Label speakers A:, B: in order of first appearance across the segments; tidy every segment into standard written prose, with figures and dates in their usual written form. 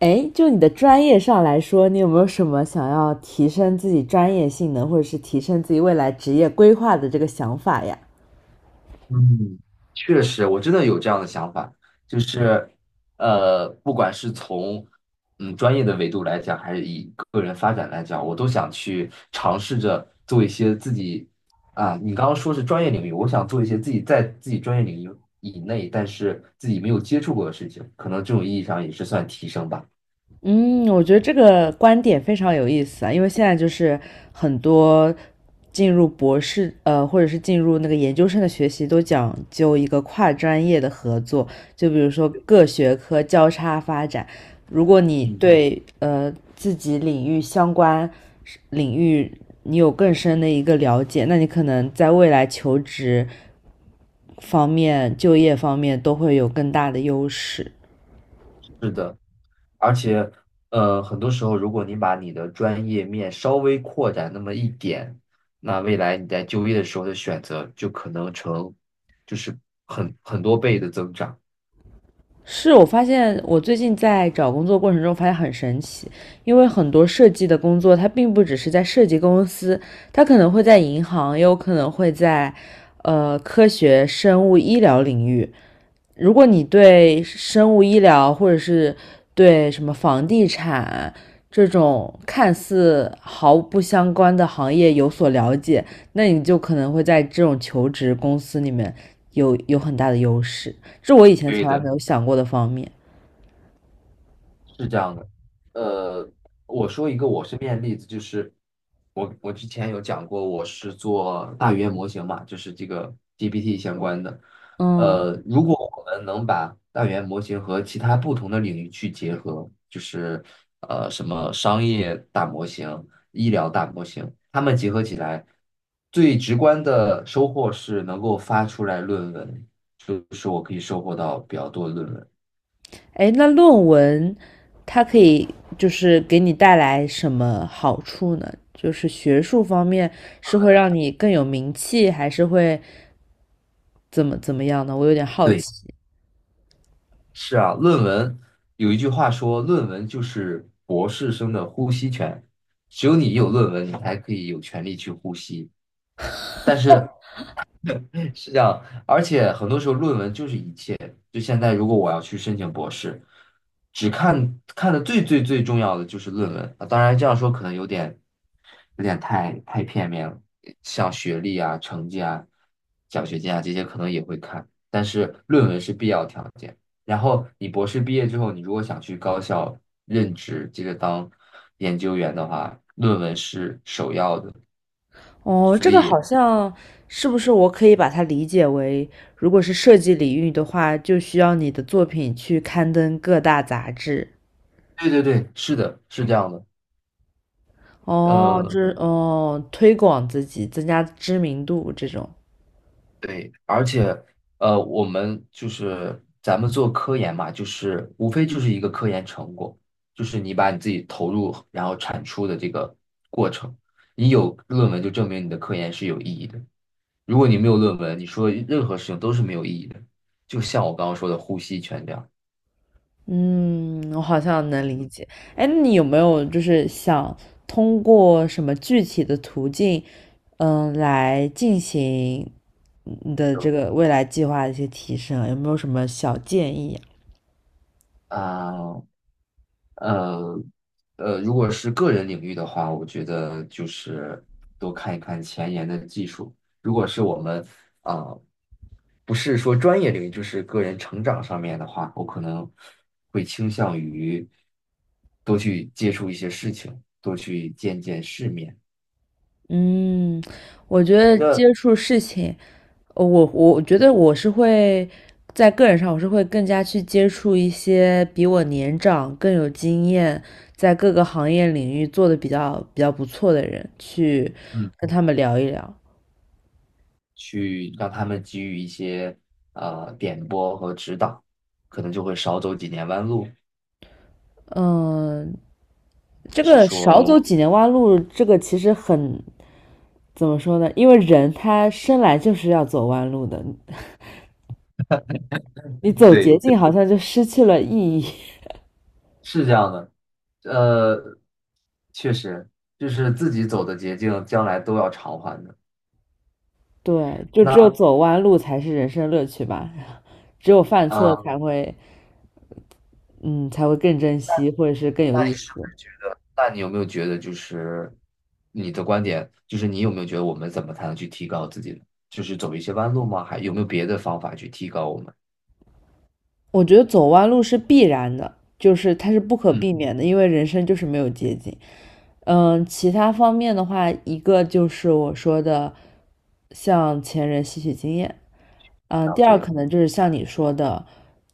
A: 哎，就你的专业上来说，你有没有什么想要提升自己专业性能，或者是提升自己未来职业规划的这个想法呀？
B: 嗯，确实，我真的有这样的想法，就是，不管是从专业的维度来讲，还是以个人发展来讲，我都想去尝试着做一些自己啊，你刚刚说是专业领域，我想做一些自己在自己专业领域以内，但是自己没有接触过的事情，可能这种意义上也是算提升吧。
A: 嗯，我觉得这个观点非常有意思啊，因为现在就是很多进入博士，或者是进入那个研究生的学习，都讲究一个跨专业的合作，就比如说各学科交叉发展。如果你
B: 嗯。
A: 对自己领域相关领域你有更深的一个了解，那你可能在未来求职方面、就业方面都会有更大的优势。
B: 而且，很多时候，如果你把你的专业面稍微扩展那么一点，那未来你在就业的时候的选择就可能成，就是很多倍的增长。
A: 是我发现，我最近在找工作过程中发现很神奇，因为很多设计的工作，它并不只是在设计公司，它可能会在银行，也有可能会在科学、生物、医疗领域。如果你对生物医疗或者是对什么房地产这种看似毫不相关的行业有所了解，那你就可能会在这种求职公司里面有很大的优势，这我以前
B: 对
A: 从来没
B: 的。
A: 有想过的方面。
B: 是这样的，呃，我说一个我身边的例子，就是我之前有讲过，我是做大语言模型嘛，就是这个 GPT 相关的。
A: 嗯，
B: 如果我们能把大语言模型和其他不同的领域去结合，什么商业大模型、医疗大模型，它们结合起来，最直观的收获是能够发出来论文，就是我可以收获到比较多的论文。
A: 哎，那论文它可以就是给你带来什么好处呢？就是学术方面是会让你更有名气，还是会怎么怎么样呢？我有点好奇。
B: 对。是啊，论文有一句话说，论文就是博士生的呼吸权，只有你有论文，你才可以有权利去呼吸。但是是这样，而且很多时候论文就是一切。就现在，如果我要去申请博士，只看的最重要的就是论文啊。当然这样说可能有点太片面了，像学历啊、成绩啊、奖学金啊这些可能也会看，但是论文是必要条件。然后你博士毕业之后，你如果想去高校任职，接着当研究员的话，论文是首要的。
A: 哦，这
B: 所
A: 个
B: 以，
A: 好像是不是我可以把它理解为，如果是设计领域的话，就需要你的作品去刊登各大杂志。
B: 对对对，是的，是这样的。
A: 哦，
B: 嗯、
A: 这哦，推广自己，增加知名度这种。
B: 对，而且我们就是咱们做科研嘛，就是无非就是一个科研成果，就是你把你自己投入然后产出的这个过程，你有论文就证明你的科研是有意义的。如果你没有论文，你说任何事情都是没有意义的。就像我刚刚说的呼吸全这样，
A: 嗯，我好像能理
B: 嗯，
A: 解。哎，那你有没有就是想通过什么具体的途径，嗯，来进行你的
B: 有
A: 这个未来计划的一些提升啊？有没有什么小建议啊
B: 啊、呃如果是个人领域的话，我觉得就是多看一看前沿的技术。如果是我们啊。不是说专业领域，就是个人成长上面的话，我可能会倾向于多去接触一些事情，多去见见世面，
A: 嗯，我觉得接触事情，我觉得我是会在个人上，我是会更加去接触一些比我年长、更有经验，在各个行业领域做的比较不错的人，去
B: 嗯
A: 跟他们聊一聊。
B: 去让他们给予一些点拨和指导，可能就会少走几年弯路。
A: 嗯，
B: 还
A: 这
B: 是
A: 个少
B: 说，
A: 走几年弯路，这个其实很，怎么说呢？因为人他生来就是要走弯路的，你走
B: 对
A: 捷径
B: 对，
A: 好像就失去了意义。
B: 是这样的，呃，确实就是自己走的捷径，将来都要偿还的。
A: 对，就只有
B: 那
A: 走弯路才是人生乐趣吧。只有犯错
B: 啊，
A: 才会，嗯，才会更珍惜，或者是更有意思。
B: 是？那你有没有觉得，就是你的观点，就是你有没有觉得我们怎么才能去提高自己呢？就是走一些弯路吗？还有没有别的方法去提高我们？
A: 我觉得走弯路是必然的，就是它是不可
B: 嗯，
A: 避免的，因为人生就是没有捷径。嗯，其他方面的话，一个就是我说的向前人吸取经验，嗯，
B: 啊，
A: 第二
B: 对，
A: 可能就是像你说的，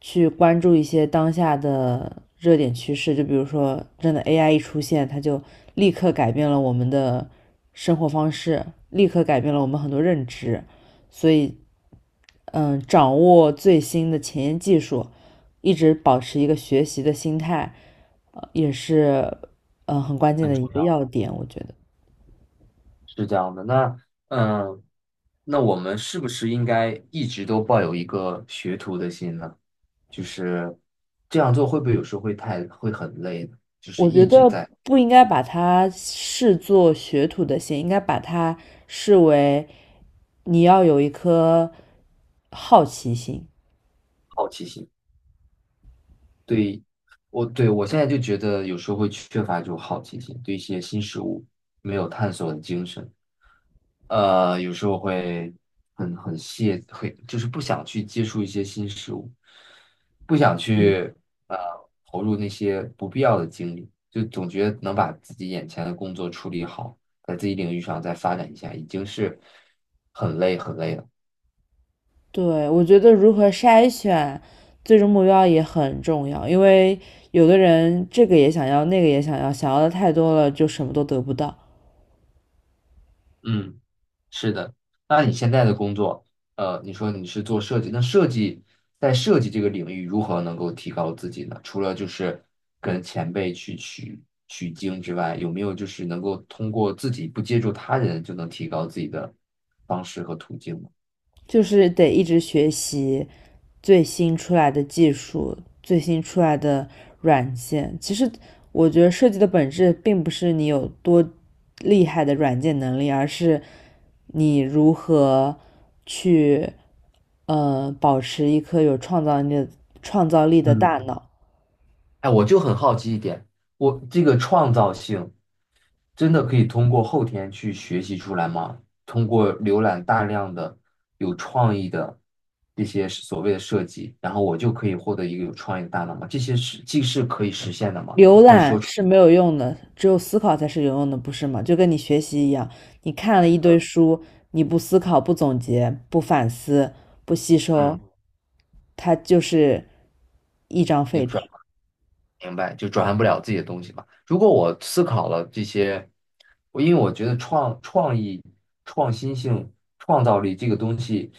A: 去关注一些当下的热点趋势，就比如说真的 AI 一出现，它就立刻改变了我们的生活方式，立刻改变了我们很多认知。所以嗯，掌握最新的前沿技术，一直保持一个学习的心态，也是嗯很关键
B: 很
A: 的一
B: 重
A: 个
B: 要，
A: 要点。我觉得，
B: 是这样的。那，嗯，那我们是不是应该一直都抱有一个学徒的心呢？就是这样做会不会有时候会太会很累呢？就是
A: 我觉
B: 一直
A: 得
B: 在
A: 不应该把它视作学徒的心，应该把它视为你要有一颗好奇心。
B: 好奇心。对，我现在就觉得有时候会缺乏这种好奇心，对一些新事物没有探索的精神。有时候会很懈，会就是不想去接触一些新事物，不想去呃投入那些不必要的精力，就总觉得能把自己眼前的工作处理好，在自己领域上再发展一下，已经是很累了。
A: 对，我觉得如何筛选最终目标也很重要，因为有的人这个也想要，那个也想要，想要的太多了，就什么都得不到。
B: 嗯。是的，那你现在的工作，你说你是做设计，那在设计这个领域如何能够提高自己呢？除了就是跟前辈去取经之外，有没有就是能够通过自己不接触他人就能提高自己的方式和途径呢？
A: 就是得一直学习最新出来的技术、最新出来的软件。其实我觉得设计的本质并不是你有多厉害的软件能力，而是你如何去保持一颗有创造力的创造力的
B: 嗯。
A: 大脑。
B: 哎，我就很好奇一点，我这个创造性。真的可以通过后天去学习出来吗？通过浏览大量的有创意的这些所谓的设计，然后我就可以获得一个有创意的大脑吗？这些是既是可以实现的吗？
A: 浏览是没有用的，只有思考才是有用的，不是吗？就跟你学习一样，你看了一堆书，你不思考、不总结、不反思、不吸收，
B: 嗯。
A: 它就是一张
B: 你
A: 废
B: 转。
A: 纸。
B: 明白，就转换不了自己的东西嘛。如果我思考了这些，因为我觉得创意、创新性、创造力这个东西，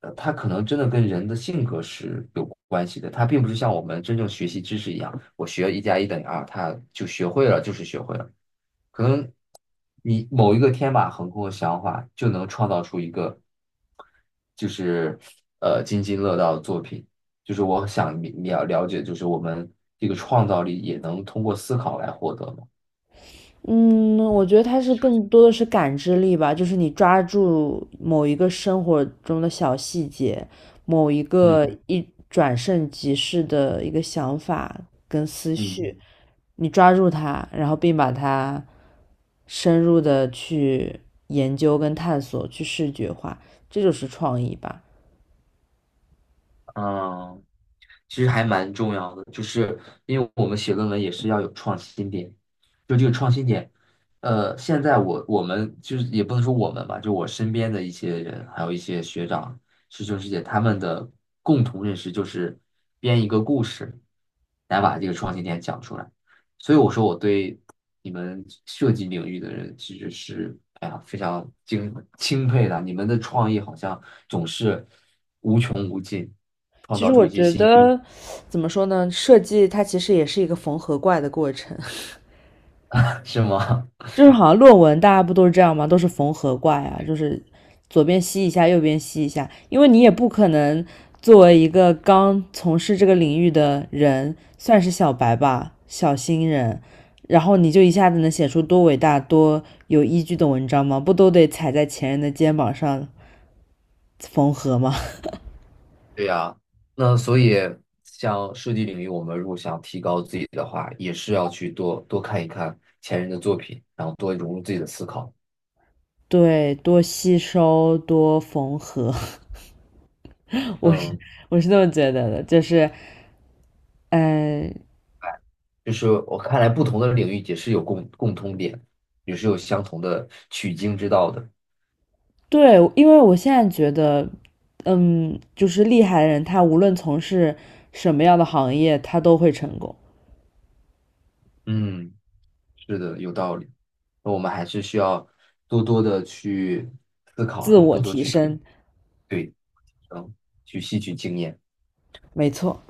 B: 它可能真的跟人的性格是有关系的。它并不是像我们真正学习知识一样，我学一加一等于二，它就学会了就是学会了可能你某一个天马行空的想法，就能创造出一个，就是津津乐道的作品。就是我想了解，就是我们这个创造力也能通过思考来获得嘛。
A: 嗯，我觉得它是更多的是感知力吧，就是你抓住某一个生活中的小细节，某一
B: 嗯
A: 个一转瞬即逝的一个想法跟思
B: 嗯。
A: 绪，你抓住它，然后并把它深入的去研究跟探索，去视觉化，这就是创意吧。
B: 嗯，其实还蛮重要的，就是因为我们写论文也是要有创新点，就这个创新点，现在我们就是也不能说我们吧，就我身边的一些人，还有一些学长、师兄师姐，他们的共同认识就是编一个故事来把这个创新点讲出来，所以我说我对你们设计领域的人其实是哎呀非常钦佩的，你们的创意好像总是无穷无尽，创
A: 其
B: 造
A: 实
B: 出
A: 我
B: 一些
A: 觉
B: 新。
A: 得，怎么说呢？设计它其实也是一个缝合怪的过程，
B: 是吗？
A: 就是好像论文大家不都是这样吗？都是缝合怪呀，就是左边吸一下，右边吸一下，因为你也不可能作为一个刚从事这个领域的人，算是小白吧，小新人，然后你就一下子能写出多伟大、多有依据的文章吗？不都得踩在前人的肩膀上缝合吗？
B: 对呀，那所以像设计领域，我们如果想提高自己的话，也是要去多多看一看前人的作品，然后多融入自己的思考。
A: 对，多吸收，多缝合，我是
B: 嗯，
A: 我是这么觉得的，就是嗯、呃
B: 就是我看来，不同的领域也是有共通点，也是有相同的取经之道的。
A: 对，因为我现在觉得，嗯，就是厉害的人，他无论从事什么样的行业，他都会成功，
B: 嗯，是的，有道理。那我们还是需要多多的去，
A: 自我提升，
B: 对，嗯，去吸取经验。
A: 没错。